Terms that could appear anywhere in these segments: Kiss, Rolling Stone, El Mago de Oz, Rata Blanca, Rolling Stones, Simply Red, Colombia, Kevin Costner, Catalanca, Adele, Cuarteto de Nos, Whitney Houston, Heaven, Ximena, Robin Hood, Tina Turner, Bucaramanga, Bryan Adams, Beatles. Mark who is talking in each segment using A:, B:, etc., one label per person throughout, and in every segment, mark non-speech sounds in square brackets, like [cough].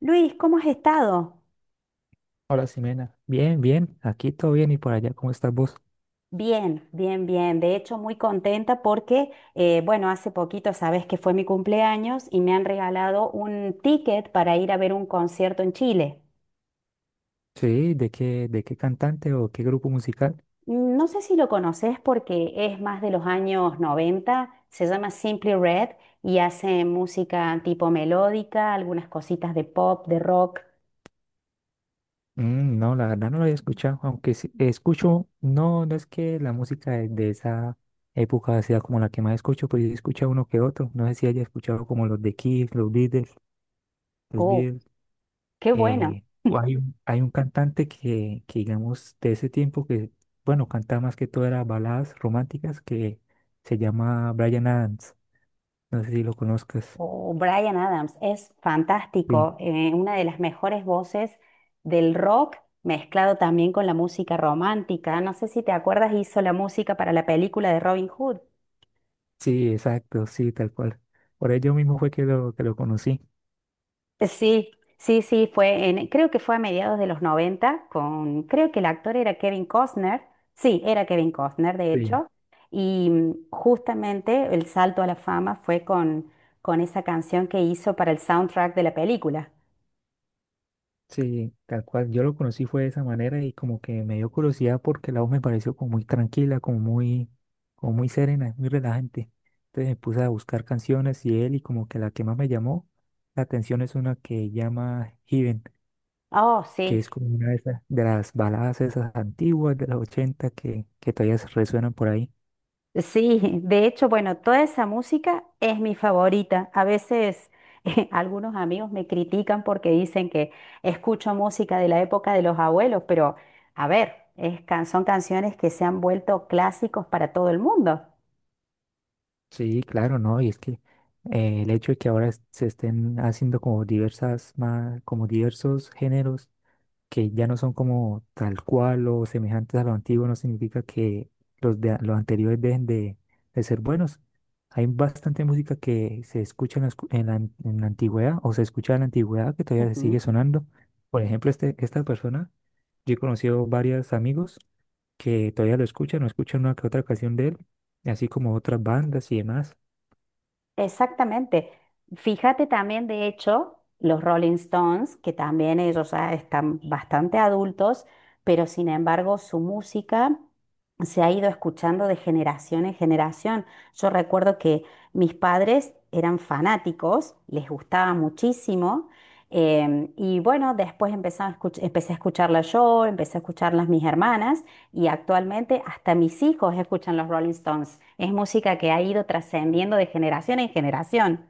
A: Luis, ¿cómo has estado?
B: Hola, Ximena. Bien, bien. Aquí todo bien y por allá, ¿cómo estás vos?
A: Bien, bien, bien. De hecho, muy contenta porque, bueno, hace poquito sabes que fue mi cumpleaños y me han regalado un ticket para ir a ver un concierto en Chile.
B: Sí, ¿de qué cantante o qué grupo musical?
A: No sé si lo conoces porque es más de los años 90. Se llama Simply Red y hace música tipo melódica, algunas cositas de pop, de rock.
B: No, la verdad no lo había escuchado, aunque sí escucho. No, no es que la música de esa época sea como la que más escucho, pues yo escucho uno que otro. No sé si haya escuchado como los de Kiss, los Beatles, los
A: ¡Oh,
B: Beatles.
A: qué bueno!
B: O hay un cantante que, digamos, de ese tiempo que, bueno, cantaba más que todo era baladas románticas que se llama Bryan Adams. No sé si lo conozcas.
A: O Bryan Adams es
B: Sí.
A: fantástico, una de las mejores voces del rock, mezclado también con la música romántica. No sé si te acuerdas, hizo la música para la película de Robin Hood.
B: Sí, exacto, sí, tal cual. Por ello mismo fue que lo conocí.
A: Sí, sí, sí, creo que fue a mediados de los 90. Creo que el actor era Kevin Costner. Sí, era Kevin Costner, de
B: Sí.
A: hecho. Y justamente el salto a la fama fue con esa canción que hizo para el soundtrack de la película.
B: Sí, tal cual. Yo lo conocí fue de esa manera, y como que me dio curiosidad porque la voz me pareció como muy tranquila, como muy serena, muy relajante. Entonces me puse a buscar canciones y él, y como que la que más me llamó la atención es una que llama Heaven,
A: Oh,
B: que
A: sí.
B: es como una de esas, de las baladas esas antiguas de los 80 que todavía se resuenan por ahí.
A: Sí, de hecho, bueno, toda esa música es mi favorita. A veces [laughs] algunos amigos me critican porque dicen que escucho música de la época de los abuelos, pero a ver, son canciones que se han vuelto clásicos para todo el mundo.
B: Sí, claro, ¿no? Y es que el hecho de que ahora se estén haciendo como diversas más, como diversos géneros que ya no son como tal cual o semejantes a lo antiguo, no significa que los los anteriores dejen de ser buenos. Hay bastante música que se escucha en la antigüedad, o se escucha en la antigüedad, que todavía se sigue sonando. Por ejemplo, esta persona, yo he conocido varios amigos que todavía lo escuchan o escuchan una que otra canción de él, así como otras bandas y demás.
A: Exactamente. Fíjate también, de hecho, los Rolling Stones, que también ellos ya están bastante adultos, pero sin embargo su música se ha ido escuchando de generación en generación. Yo recuerdo que mis padres eran fanáticos, les gustaba muchísimo. Y bueno, después empecé a escucharla yo, empecé a escucharlas mis hermanas. Y actualmente hasta mis hijos escuchan los Rolling Stones. Es música que ha ido trascendiendo de generación en generación.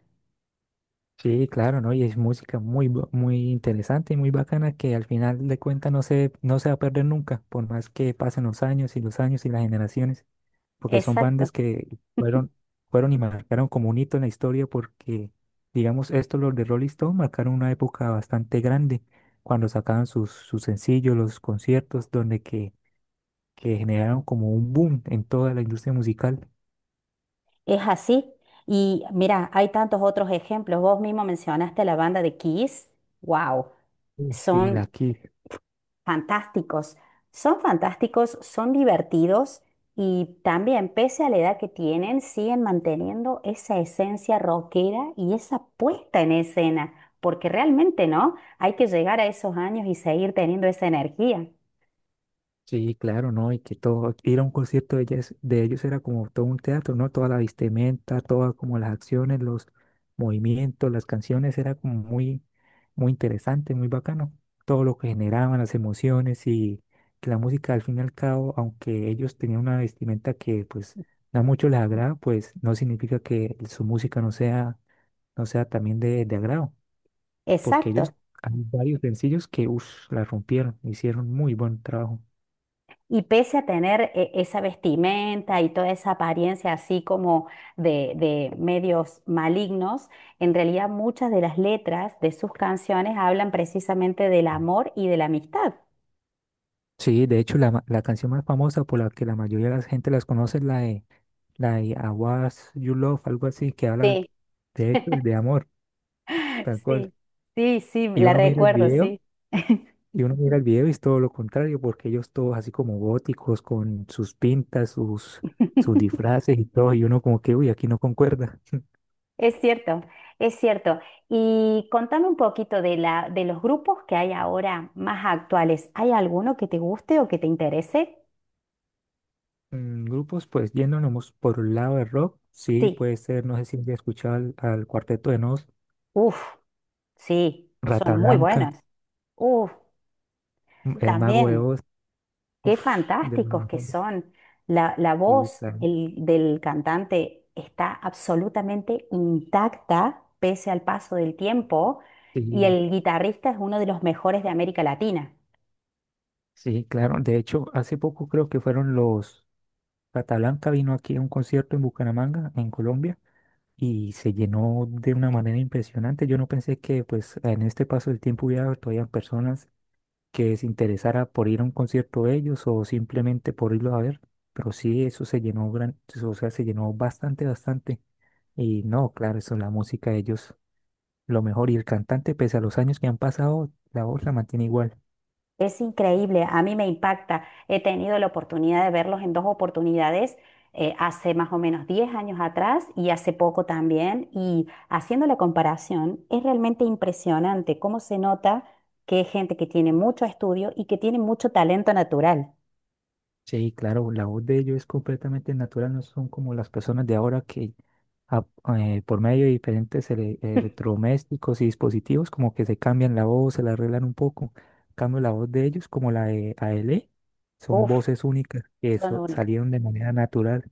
B: Sí, claro, ¿no? Y es música muy interesante y muy bacana, que al final de cuentas no se va a perder nunca, por más que pasen los años y las generaciones, porque son bandas
A: Exacto,
B: que fueron y marcaron como un hito en la historia porque, digamos, estos, los de Rolling Stone, marcaron una época bastante grande cuando sacaban sus sencillos, los conciertos, donde que generaron como un boom en toda la industria musical.
A: es así. Y mira, hay tantos otros ejemplos. Vos mismo mencionaste la banda de Kiss. Wow,
B: Uy. Y
A: son
B: la.
A: fantásticos. Son fantásticos, son divertidos y también, pese a la edad que tienen, siguen manteniendo esa esencia rockera y esa puesta en escena, porque realmente, ¿no? Hay que llegar a esos años y seguir teniendo esa energía.
B: Sí, claro, ¿no? Y que todo, ir a un concierto de ellas, de ellos, era como todo un teatro, ¿no? Toda la vestimenta, todas como las acciones, los movimientos, las canciones, era como muy, muy interesante, muy bacano. Todo lo que generaban, las emociones, y que la música al fin y al cabo, aunque ellos tenían una vestimenta que pues no mucho les agrada, pues no significa que su música no sea también de agrado, porque
A: Exacto.
B: ellos, hay varios sencillos que, uff, la rompieron, hicieron muy buen trabajo.
A: Y pese a tener esa vestimenta y toda esa apariencia así como de medios malignos, en realidad muchas de las letras de sus canciones hablan precisamente del amor y de la amistad.
B: Sí, de hecho, la canción más famosa por la que la mayoría de la gente las conoce es la de I Was You Love, algo así, que habla de hecho de amor, tal cual.
A: Sí, sí, sí,
B: Y
A: la
B: uno mira el
A: recuerdo,
B: video,
A: sí.
B: y uno mira el video y es todo lo contrario, porque ellos todos así como góticos, con sus pintas, sus
A: [laughs]
B: disfraces y todo, y uno como que, uy, aquí no concuerda.
A: Es cierto, es cierto. Y contame un poquito de los grupos que hay ahora más actuales. ¿Hay alguno que te guste o que te interese?
B: Grupos, pues yéndonos por un lado de rock, sí,
A: Sí.
B: puede ser. No sé si ya escuchado al Cuarteto de Nos,
A: Uf, sí, son
B: Rata
A: muy
B: Blanca,
A: buenos. Uf,
B: El Mago de
A: también.
B: Oz,
A: Qué
B: uf, de los
A: fantásticos que
B: mejores.
A: son. La
B: Sí,
A: voz
B: claro.
A: del cantante está absolutamente intacta pese al paso del tiempo y
B: Sí,
A: el guitarrista es uno de los mejores de América Latina.
B: sí, claro. De hecho, hace poco creo que fueron los Catalanca, vino aquí a un concierto en Bucaramanga, en Colombia, y se llenó de una manera impresionante. Yo no pensé que pues en este paso del tiempo hubiera todavía personas que se interesara por ir a un concierto de ellos o simplemente por irlo a ver. Pero sí, eso se llenó o sea, se llenó bastante, bastante. Y no, claro, eso, la música de ellos, lo mejor. Y el cantante, pese a los años que han pasado, la voz la mantiene igual.
A: Es increíble, a mí me impacta. He tenido la oportunidad de verlos en dos oportunidades, hace más o menos 10 años atrás y hace poco también. Y haciendo la comparación, es realmente impresionante cómo se nota que es gente que tiene mucho estudio y que tiene mucho talento natural.
B: Sí, claro, la voz de ellos es completamente natural, no son como las personas de ahora que a- por medio de diferentes electrodomésticos y dispositivos como que se cambian la voz, se la arreglan un poco. En cambio, la voz de ellos, como la de AL, son
A: Uf,
B: voces únicas que
A: son únicas.
B: salieron de manera natural.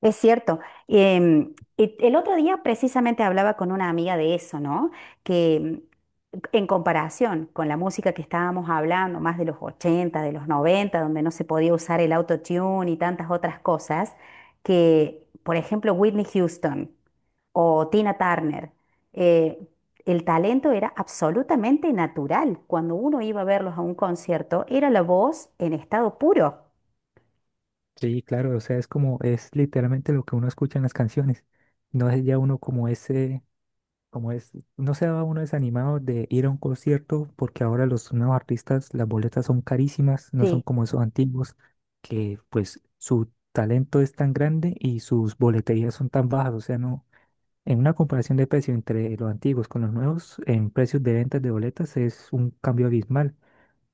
A: Es cierto. Y el otro día precisamente hablaba con una amiga de eso, ¿no? Que en comparación con la música que estábamos hablando, más de los 80, de los 90, donde no se podía usar el autotune y tantas otras cosas, que, por ejemplo, Whitney Houston o Tina Turner, eh, el talento era absolutamente natural. Cuando uno iba a verlos a un concierto, era la voz en estado puro.
B: Sí, claro, o sea, es como, es literalmente lo que uno escucha en las canciones. No es ya uno como ese. Como es, no se va uno desanimado de ir a un concierto, porque ahora los nuevos artistas, las boletas son carísimas, no son como esos antiguos, que pues su talento es tan grande y sus boleterías son tan bajas. O sea, no, en una comparación de precio entre los antiguos con los nuevos, en precios de ventas de boletas es un cambio abismal.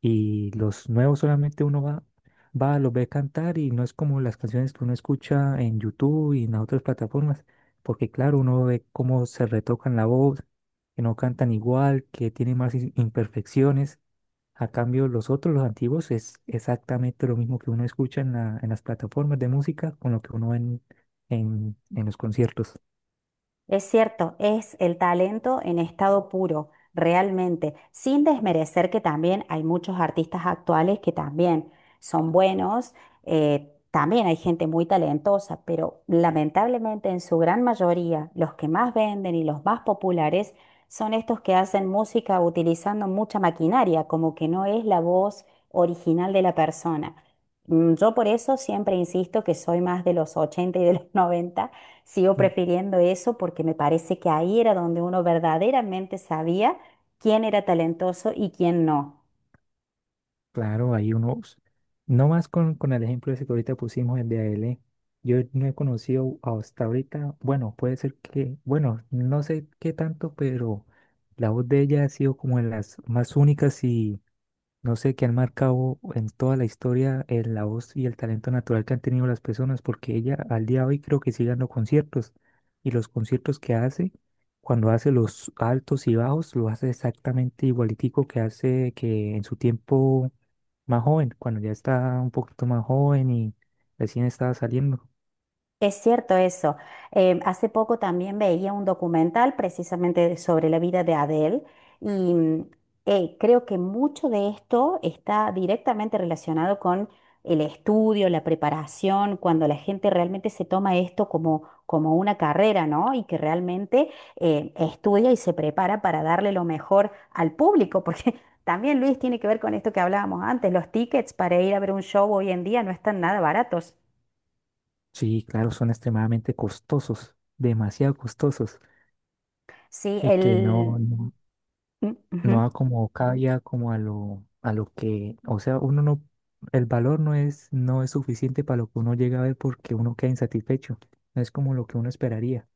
B: Y los nuevos, solamente uno va, los ve cantar, y no es como las canciones que uno escucha en YouTube y en las otras plataformas, porque claro, uno ve cómo se retocan la voz, que no cantan igual, que tienen más imperfecciones. A cambio, los otros, los antiguos, es exactamente lo mismo que uno escucha en en las plataformas de música con lo que uno ve en los conciertos.
A: Es cierto, es el talento en estado puro, realmente, sin desmerecer que también hay muchos artistas actuales que también son buenos, también hay gente muy talentosa, pero lamentablemente en su gran mayoría los que más venden y los más populares son estos que hacen música utilizando mucha maquinaria, como que no es la voz original de la persona. Yo por eso siempre insisto que soy más de los 80 y de los 90. Sigo prefiriendo eso porque me parece que ahí era donde uno verdaderamente sabía quién era talentoso y quién no.
B: Claro, hay unos, no más con el ejemplo ese que ahorita pusimos, el de ALE, yo no he conocido hasta ahorita, bueno, puede ser que, bueno, no sé qué tanto, pero la voz de ella ha sido como de las más únicas y, no sé, que han marcado en toda la historia, la voz y el talento natural que han tenido las personas, porque ella al día de hoy creo que sigue dando conciertos, y los conciertos que hace, cuando hace los altos y bajos, lo hace exactamente igualitico que hace que en su tiempo más joven, cuando ya está un poquito más joven y recién estaba saliendo.
A: Es cierto eso. Hace poco también veía un documental precisamente sobre la vida de Adele y creo que mucho de esto está directamente relacionado con el estudio, la preparación, cuando la gente realmente se toma esto como, como una carrera, ¿no? Y que realmente estudia y se prepara para darle lo mejor al público, porque [laughs] también Luis tiene que ver con esto que hablábamos antes, los tickets para ir a ver un show hoy en día no están nada baratos.
B: Sí, claro, son extremadamente costosos, demasiado costosos,
A: Sí,
B: y que no, no-
A: mm, ujú.
B: no a como cabía, como a lo que, o sea, uno no, el valor no es suficiente para lo que uno llega a ver, porque uno queda insatisfecho. No es como lo que uno esperaría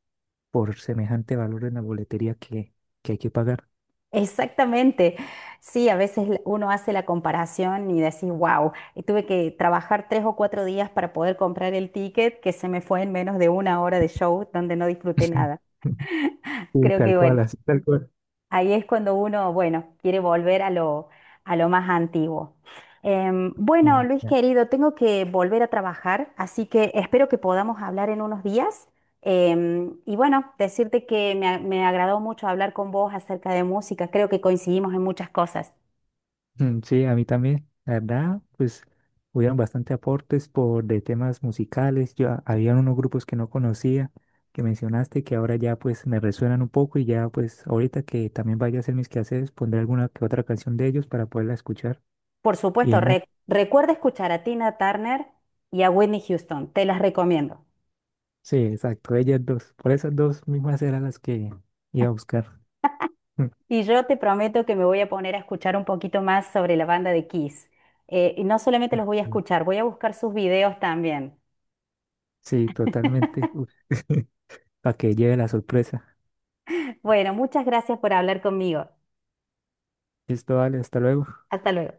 B: por semejante valor en la boletería que hay que pagar.
A: Exactamente. Sí, a veces uno hace la comparación y decís, wow, tuve que trabajar 3 o 4 días para poder comprar el ticket que se me fue en menos de 1 hora de show donde no disfruté
B: [laughs]
A: nada.
B: Sí,
A: Creo
B: tal
A: que,
B: cual,
A: bueno,
B: así tal cual.
A: ahí es cuando uno, bueno, quiere volver a lo, más antiguo. Bueno, Luis querido, tengo que volver a trabajar, así que espero que podamos hablar en unos días. Y bueno, decirte que me agradó mucho hablar con vos acerca de música. Creo que coincidimos en muchas cosas.
B: Mm, sí, a mí también, la verdad, pues hubieron bastante aportes por de temas musicales. Yo había unos grupos que no conocía, que mencionaste, que ahora ya pues me resuenan un poco, y ya pues ahorita que también vaya a hacer mis quehaceres, pondré alguna que otra canción de ellos para poderla escuchar
A: Por
B: y
A: supuesto,
B: demás.
A: recuerda escuchar a Tina Turner y a Whitney Houston. Te las recomiendo.
B: Sí, exacto, ellas dos. Por esas dos mismas eran las que iba a buscar. [laughs]
A: Y yo te prometo que me voy a poner a escuchar un poquito más sobre la banda de Kiss. Y no solamente los voy a escuchar, voy a buscar sus videos también.
B: Sí, totalmente. Para [laughs] que lleve la sorpresa.
A: Bueno, muchas gracias por hablar conmigo.
B: Listo, vale, hasta luego.
A: Hasta luego.